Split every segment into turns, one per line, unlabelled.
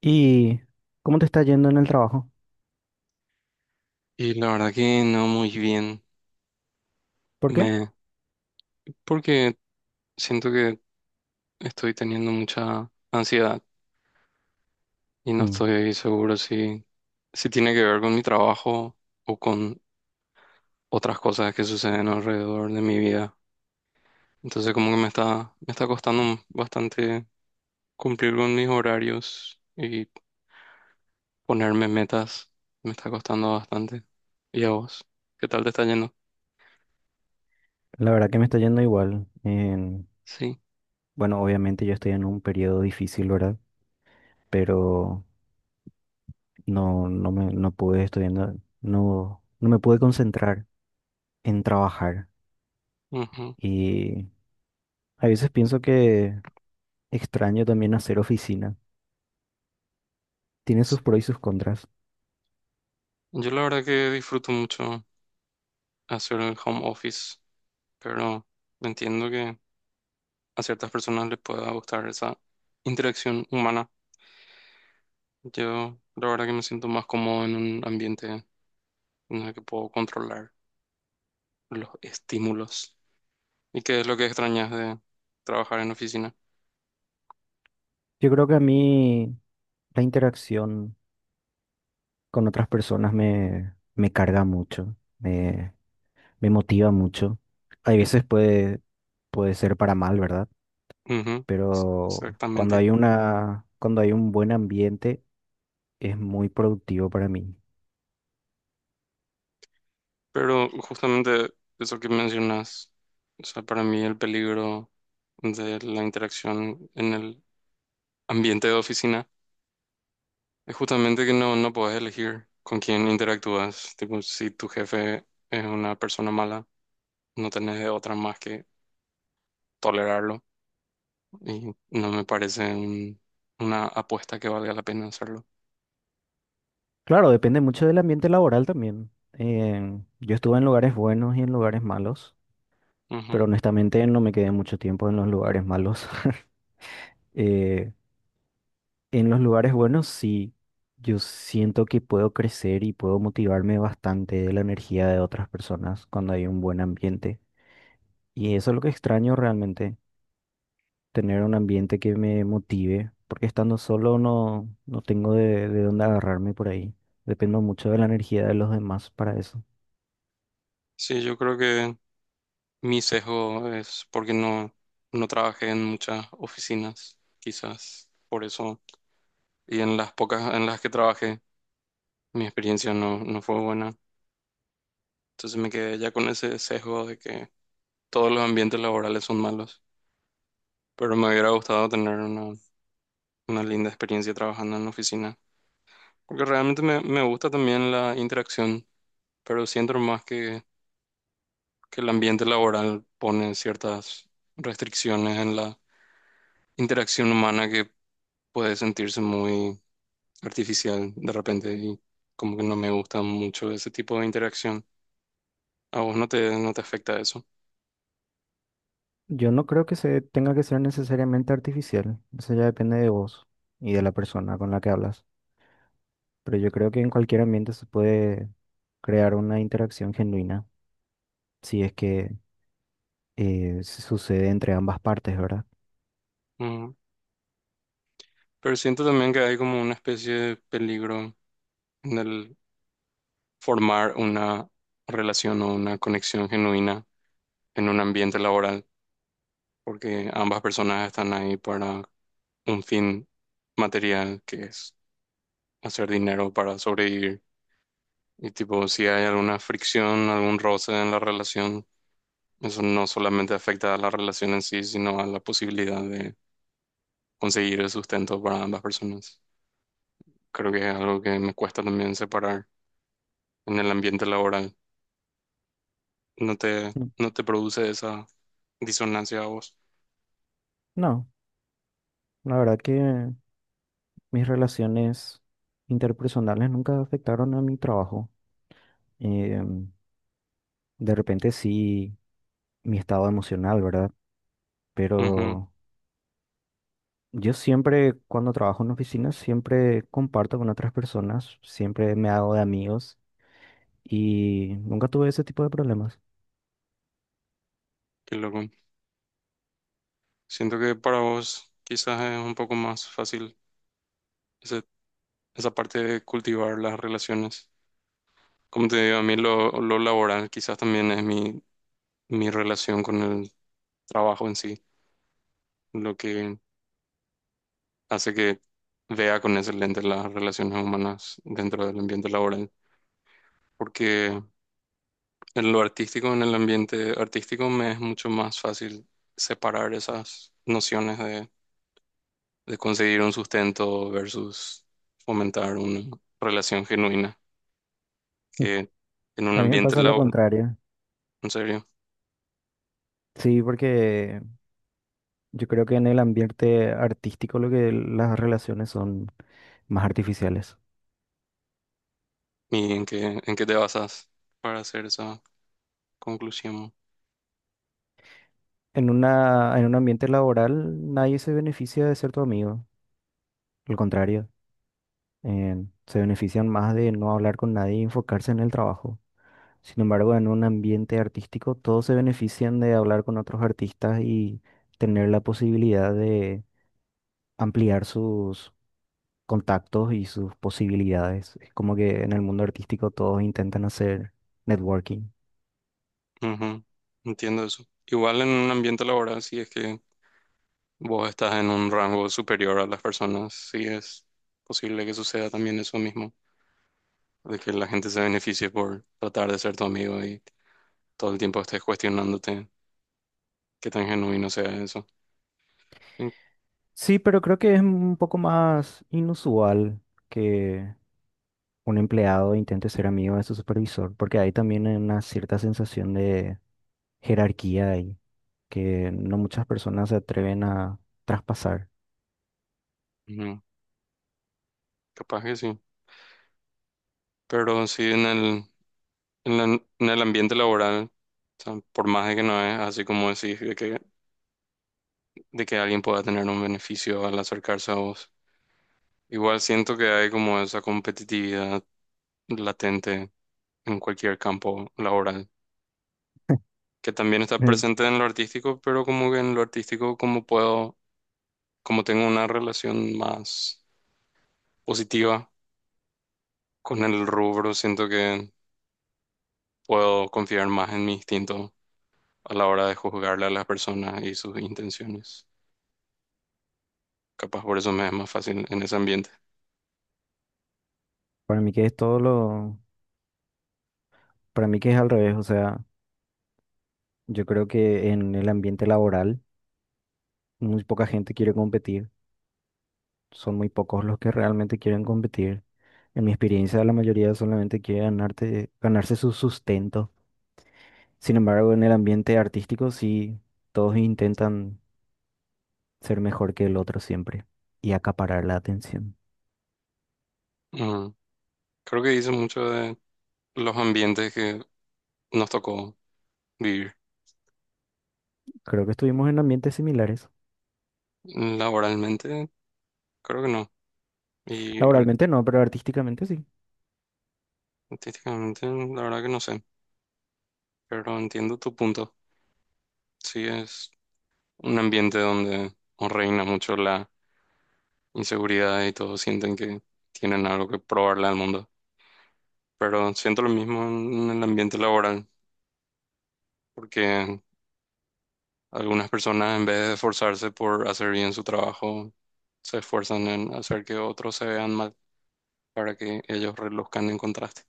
¿Y cómo te está yendo en el trabajo?
Y la verdad que no muy bien.
¿Por qué?
Me, Porque siento que estoy teniendo mucha ansiedad y no
Mm.
estoy seguro si tiene que ver con mi trabajo o con otras cosas que suceden alrededor de mi vida. Entonces como que me está costando bastante cumplir con mis horarios y ponerme metas. Me está costando bastante. ¿Y a vos? ¿Qué tal te está yendo?
La verdad que me está yendo igual.
Sí.
Bueno, obviamente yo estoy en un periodo difícil, ¿verdad? Pero no pude estudiando, no me pude concentrar en trabajar.
Ujú.
Y a veces pienso que extraño también hacer oficina. Tiene sus pros y sus contras.
Yo la verdad que disfruto mucho hacer el home office. Pero no, entiendo que a ciertas personas les pueda gustar esa interacción humana. Yo la verdad que me siento más cómodo en un ambiente en el que puedo controlar los estímulos. ¿Y qué es lo que extrañas de trabajar en oficina?
Yo creo que a mí la interacción con otras personas me carga mucho. Me motiva mucho. Hay veces puede, Puede ser para mal, ¿verdad?
Ujú,
Pero
exactamente.
cuando hay un buen ambiente, es muy productivo para mí.
Pero justamente eso que mencionas, o sea, para mí el peligro de la interacción en el ambiente de oficina es justamente que no podés elegir con quién interactúas. Tipo, si tu jefe es una persona mala, no tenés de otra más que tolerarlo. Y no me parece una apuesta que valga la pena hacerlo.
Claro, depende mucho del ambiente laboral también. Yo estuve en lugares buenos y en lugares malos, pero
Ujú.
honestamente no me quedé mucho tiempo en los lugares malos. Eh, en los lugares buenos sí, yo siento que puedo crecer y puedo motivarme bastante de la energía de otras personas cuando hay un buen ambiente. Y eso es lo que extraño realmente, tener un ambiente que me motive, porque estando solo no tengo de dónde agarrarme por ahí. Dependo mucho de la energía de los demás para eso.
Sí, yo creo que mi sesgo es porque no trabajé en muchas oficinas, quizás por eso. Y en las pocas en las que trabajé, mi experiencia no fue buena. Entonces me quedé ya con ese sesgo de que todos los ambientes laborales son malos. Pero me hubiera gustado tener una linda experiencia trabajando en la oficina. Porque realmente me gusta también la interacción, pero siento más que el ambiente laboral pone ciertas restricciones en la interacción humana que puede sentirse muy artificial de repente y como que no me gusta mucho ese tipo de interacción. A vos no te afecta eso.
Yo no creo que se tenga que ser necesariamente artificial, eso ya depende de vos y de la persona con la que hablas. Pero yo creo que en cualquier ambiente se puede crear una interacción genuina, si es que se sucede entre ambas partes, ¿verdad?
Ujú. Pero siento también que hay como una especie de peligro en el formar una relación o una conexión genuina en un ambiente laboral, porque ambas personas están ahí para un fin material, que es hacer dinero para sobrevivir. Y tipo, si hay alguna fricción, algún roce en la relación, eso no solamente afecta a la relación en sí, sino a la posibilidad de conseguir el sustento para ambas personas. Creo que es algo que me cuesta también separar en el ambiente laboral. No te,
Mm.
no te produce esa disonancia a vos.
No, la verdad que... Mis relaciones interpersonales nunca afectaron a mi trabajo. Em, de repente sí, mi estado emocional, ¿verdad?
Ujú,
Pero yo siempre, cuando trabajo en oficinas, siempre comparto con otras personas, siempre me hago de amigos y nunca tuve ese tipo de problemas.
qué loco. Siento que para vos quizás es un poco más fácil ese- esa parte de cultivar las relaciones. Como te digo, a mí lo laboral quizás también es mi relación con el trabajo en sí, lo que hace que vea con ese lente las relaciones humanas dentro del ambiente laboral. Porque en lo artístico, en el ambiente artístico, me es mucho más fácil separar esas nociones de conseguir un sustento versus fomentar una relación genuina que en
A
un
mí me
ambiente
pasa lo
laboral.
contrario.
En serio.
Sí, porque yo creo que en el ambiente artístico lo que las relaciones son más artificiales.
¿Y en qué te basas para hacer esa conclusión?
En un ambiente laboral nadie se beneficia de ser tu amigo, al contrario, eh, se benefician más de no hablar con nadie y enfocarse en el trabajo. Sin embargo, en un ambiente artístico todos se benefician de hablar con otros artistas y tener la posibilidad de ampliar sus contactos y sus posibilidades. Es como que en el mundo artístico todos intentan hacer networking.
Ujú, entiendo eso. Igual en un ambiente laboral, si es que vos estás en un rango superior a las personas, sí es posible que suceda también eso mismo, de que la gente se beneficie por tratar de ser tu amigo y todo el tiempo estés cuestionándote qué tan genuino sea eso. Sí,
Sí, pero creo que es un poco más inusual que un empleado intente ser amigo de su supervisor, porque hay también una cierta sensación de jerarquía ahí, que no muchas personas se atreven a traspasar.
ujú, capaz que sí. Pero sí en la- en el ambiente laboral, o sea, por más de que no es así como decís, de que alguien pueda tener un beneficio al acercarse a vos. Igual siento que hay como esa competitividad latente en cualquier campo laboral, que también está
Eh,
presente en lo artístico, pero como que en lo artístico como tengo una relación más positiva con el rubro, siento que puedo confiar más en mi instinto a la hora de juzgarle a las personas y sus intenciones. Capaz por eso me es más fácil en ese ambiente.
Para mí que es todo lo, para mí que es al revés, o sea, yo creo que en el ambiente laboral muy poca gente quiere competir, son muy pocos los que realmente quieren competir. En mi experiencia, la mayoría solamente quiere ganarse su sustento. Sin embargo, en el ambiente artístico sí, todos intentan ser mejor que el otro siempre y acaparar la atención.
Ujú. Creo que dice mucho de los ambientes que nos tocó vivir.
Creo que estuvimos en ambientes similares.
Laboralmente, creo que no. Y
Laboralmente no, pero artísticamente sí.
artísticamente, la verdad que no sé. Pero entiendo tu punto. Sí, es un ambiente donde no reina mucho la inseguridad y todos sienten que tienen algo que probarle al mundo. Pero siento lo mismo en el ambiente laboral, porque algunas personas en vez de esforzarse por hacer bien su trabajo, se esfuerzan en hacer que otros se vean mal para que ellos reluzcan en contraste.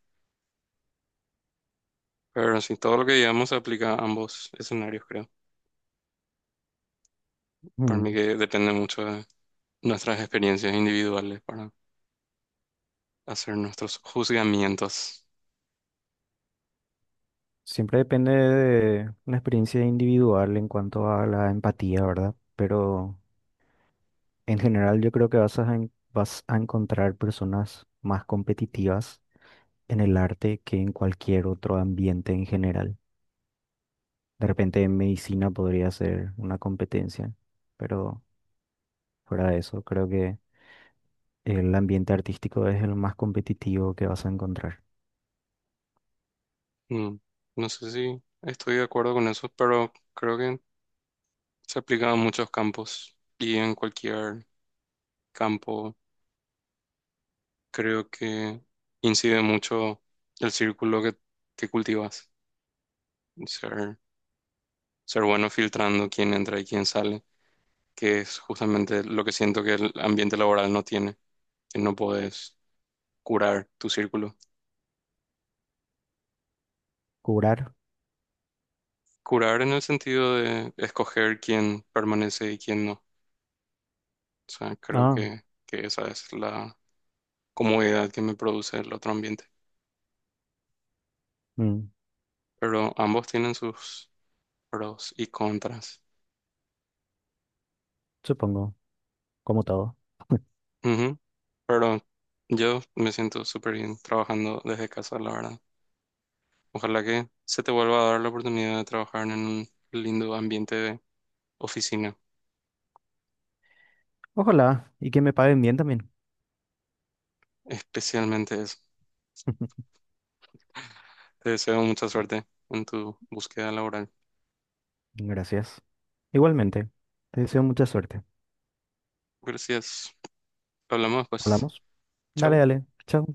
Pero sí, todo lo que digamos se aplica a ambos escenarios, creo. Para mí
Mm.
que depende mucho de nuestras experiencias individuales para hacer nuestros juzgamientos.
Siempre depende de una experiencia individual en cuanto a la empatía, ¿verdad? Pero en general yo creo que vas a encontrar personas más competitivas en el arte que en cualquier otro ambiente en general. De repente en medicina podría ser una competencia, pero fuera de eso, creo que... El ambiente artístico es el más competitivo que vas a encontrar.
Mm. No sé si estoy de acuerdo con eso, pero creo que se aplica a muchos campos y en cualquier campo creo que incide mucho el círculo que cultivas. Ser, ser bueno filtrando quién entra y quién sale, que es justamente lo que siento que el ambiente laboral no tiene, que no puedes curar tu círculo.
¿Curar?
Curar en el sentido de escoger quién permanece y quién no. O sea, creo
Ah,
que esa es la comodidad que me produce el otro ambiente.
mm,
Pero ambos tienen sus pros y contras.
supongo, como todo.
Ujú. Pero yo me siento súper bien trabajando desde casa, la verdad. Ojalá que se te vuelva a dar la oportunidad de trabajar en un lindo ambiente de oficina,
Ojalá, y que me paguen bien también.
especialmente eso. Te deseo mucha suerte en tu búsqueda laboral.
Gracias. Igualmente, te deseo mucha suerte.
Gracias. Hablamos, pues.
¿Hablamos? Dale,
Chao.
dale. Chao.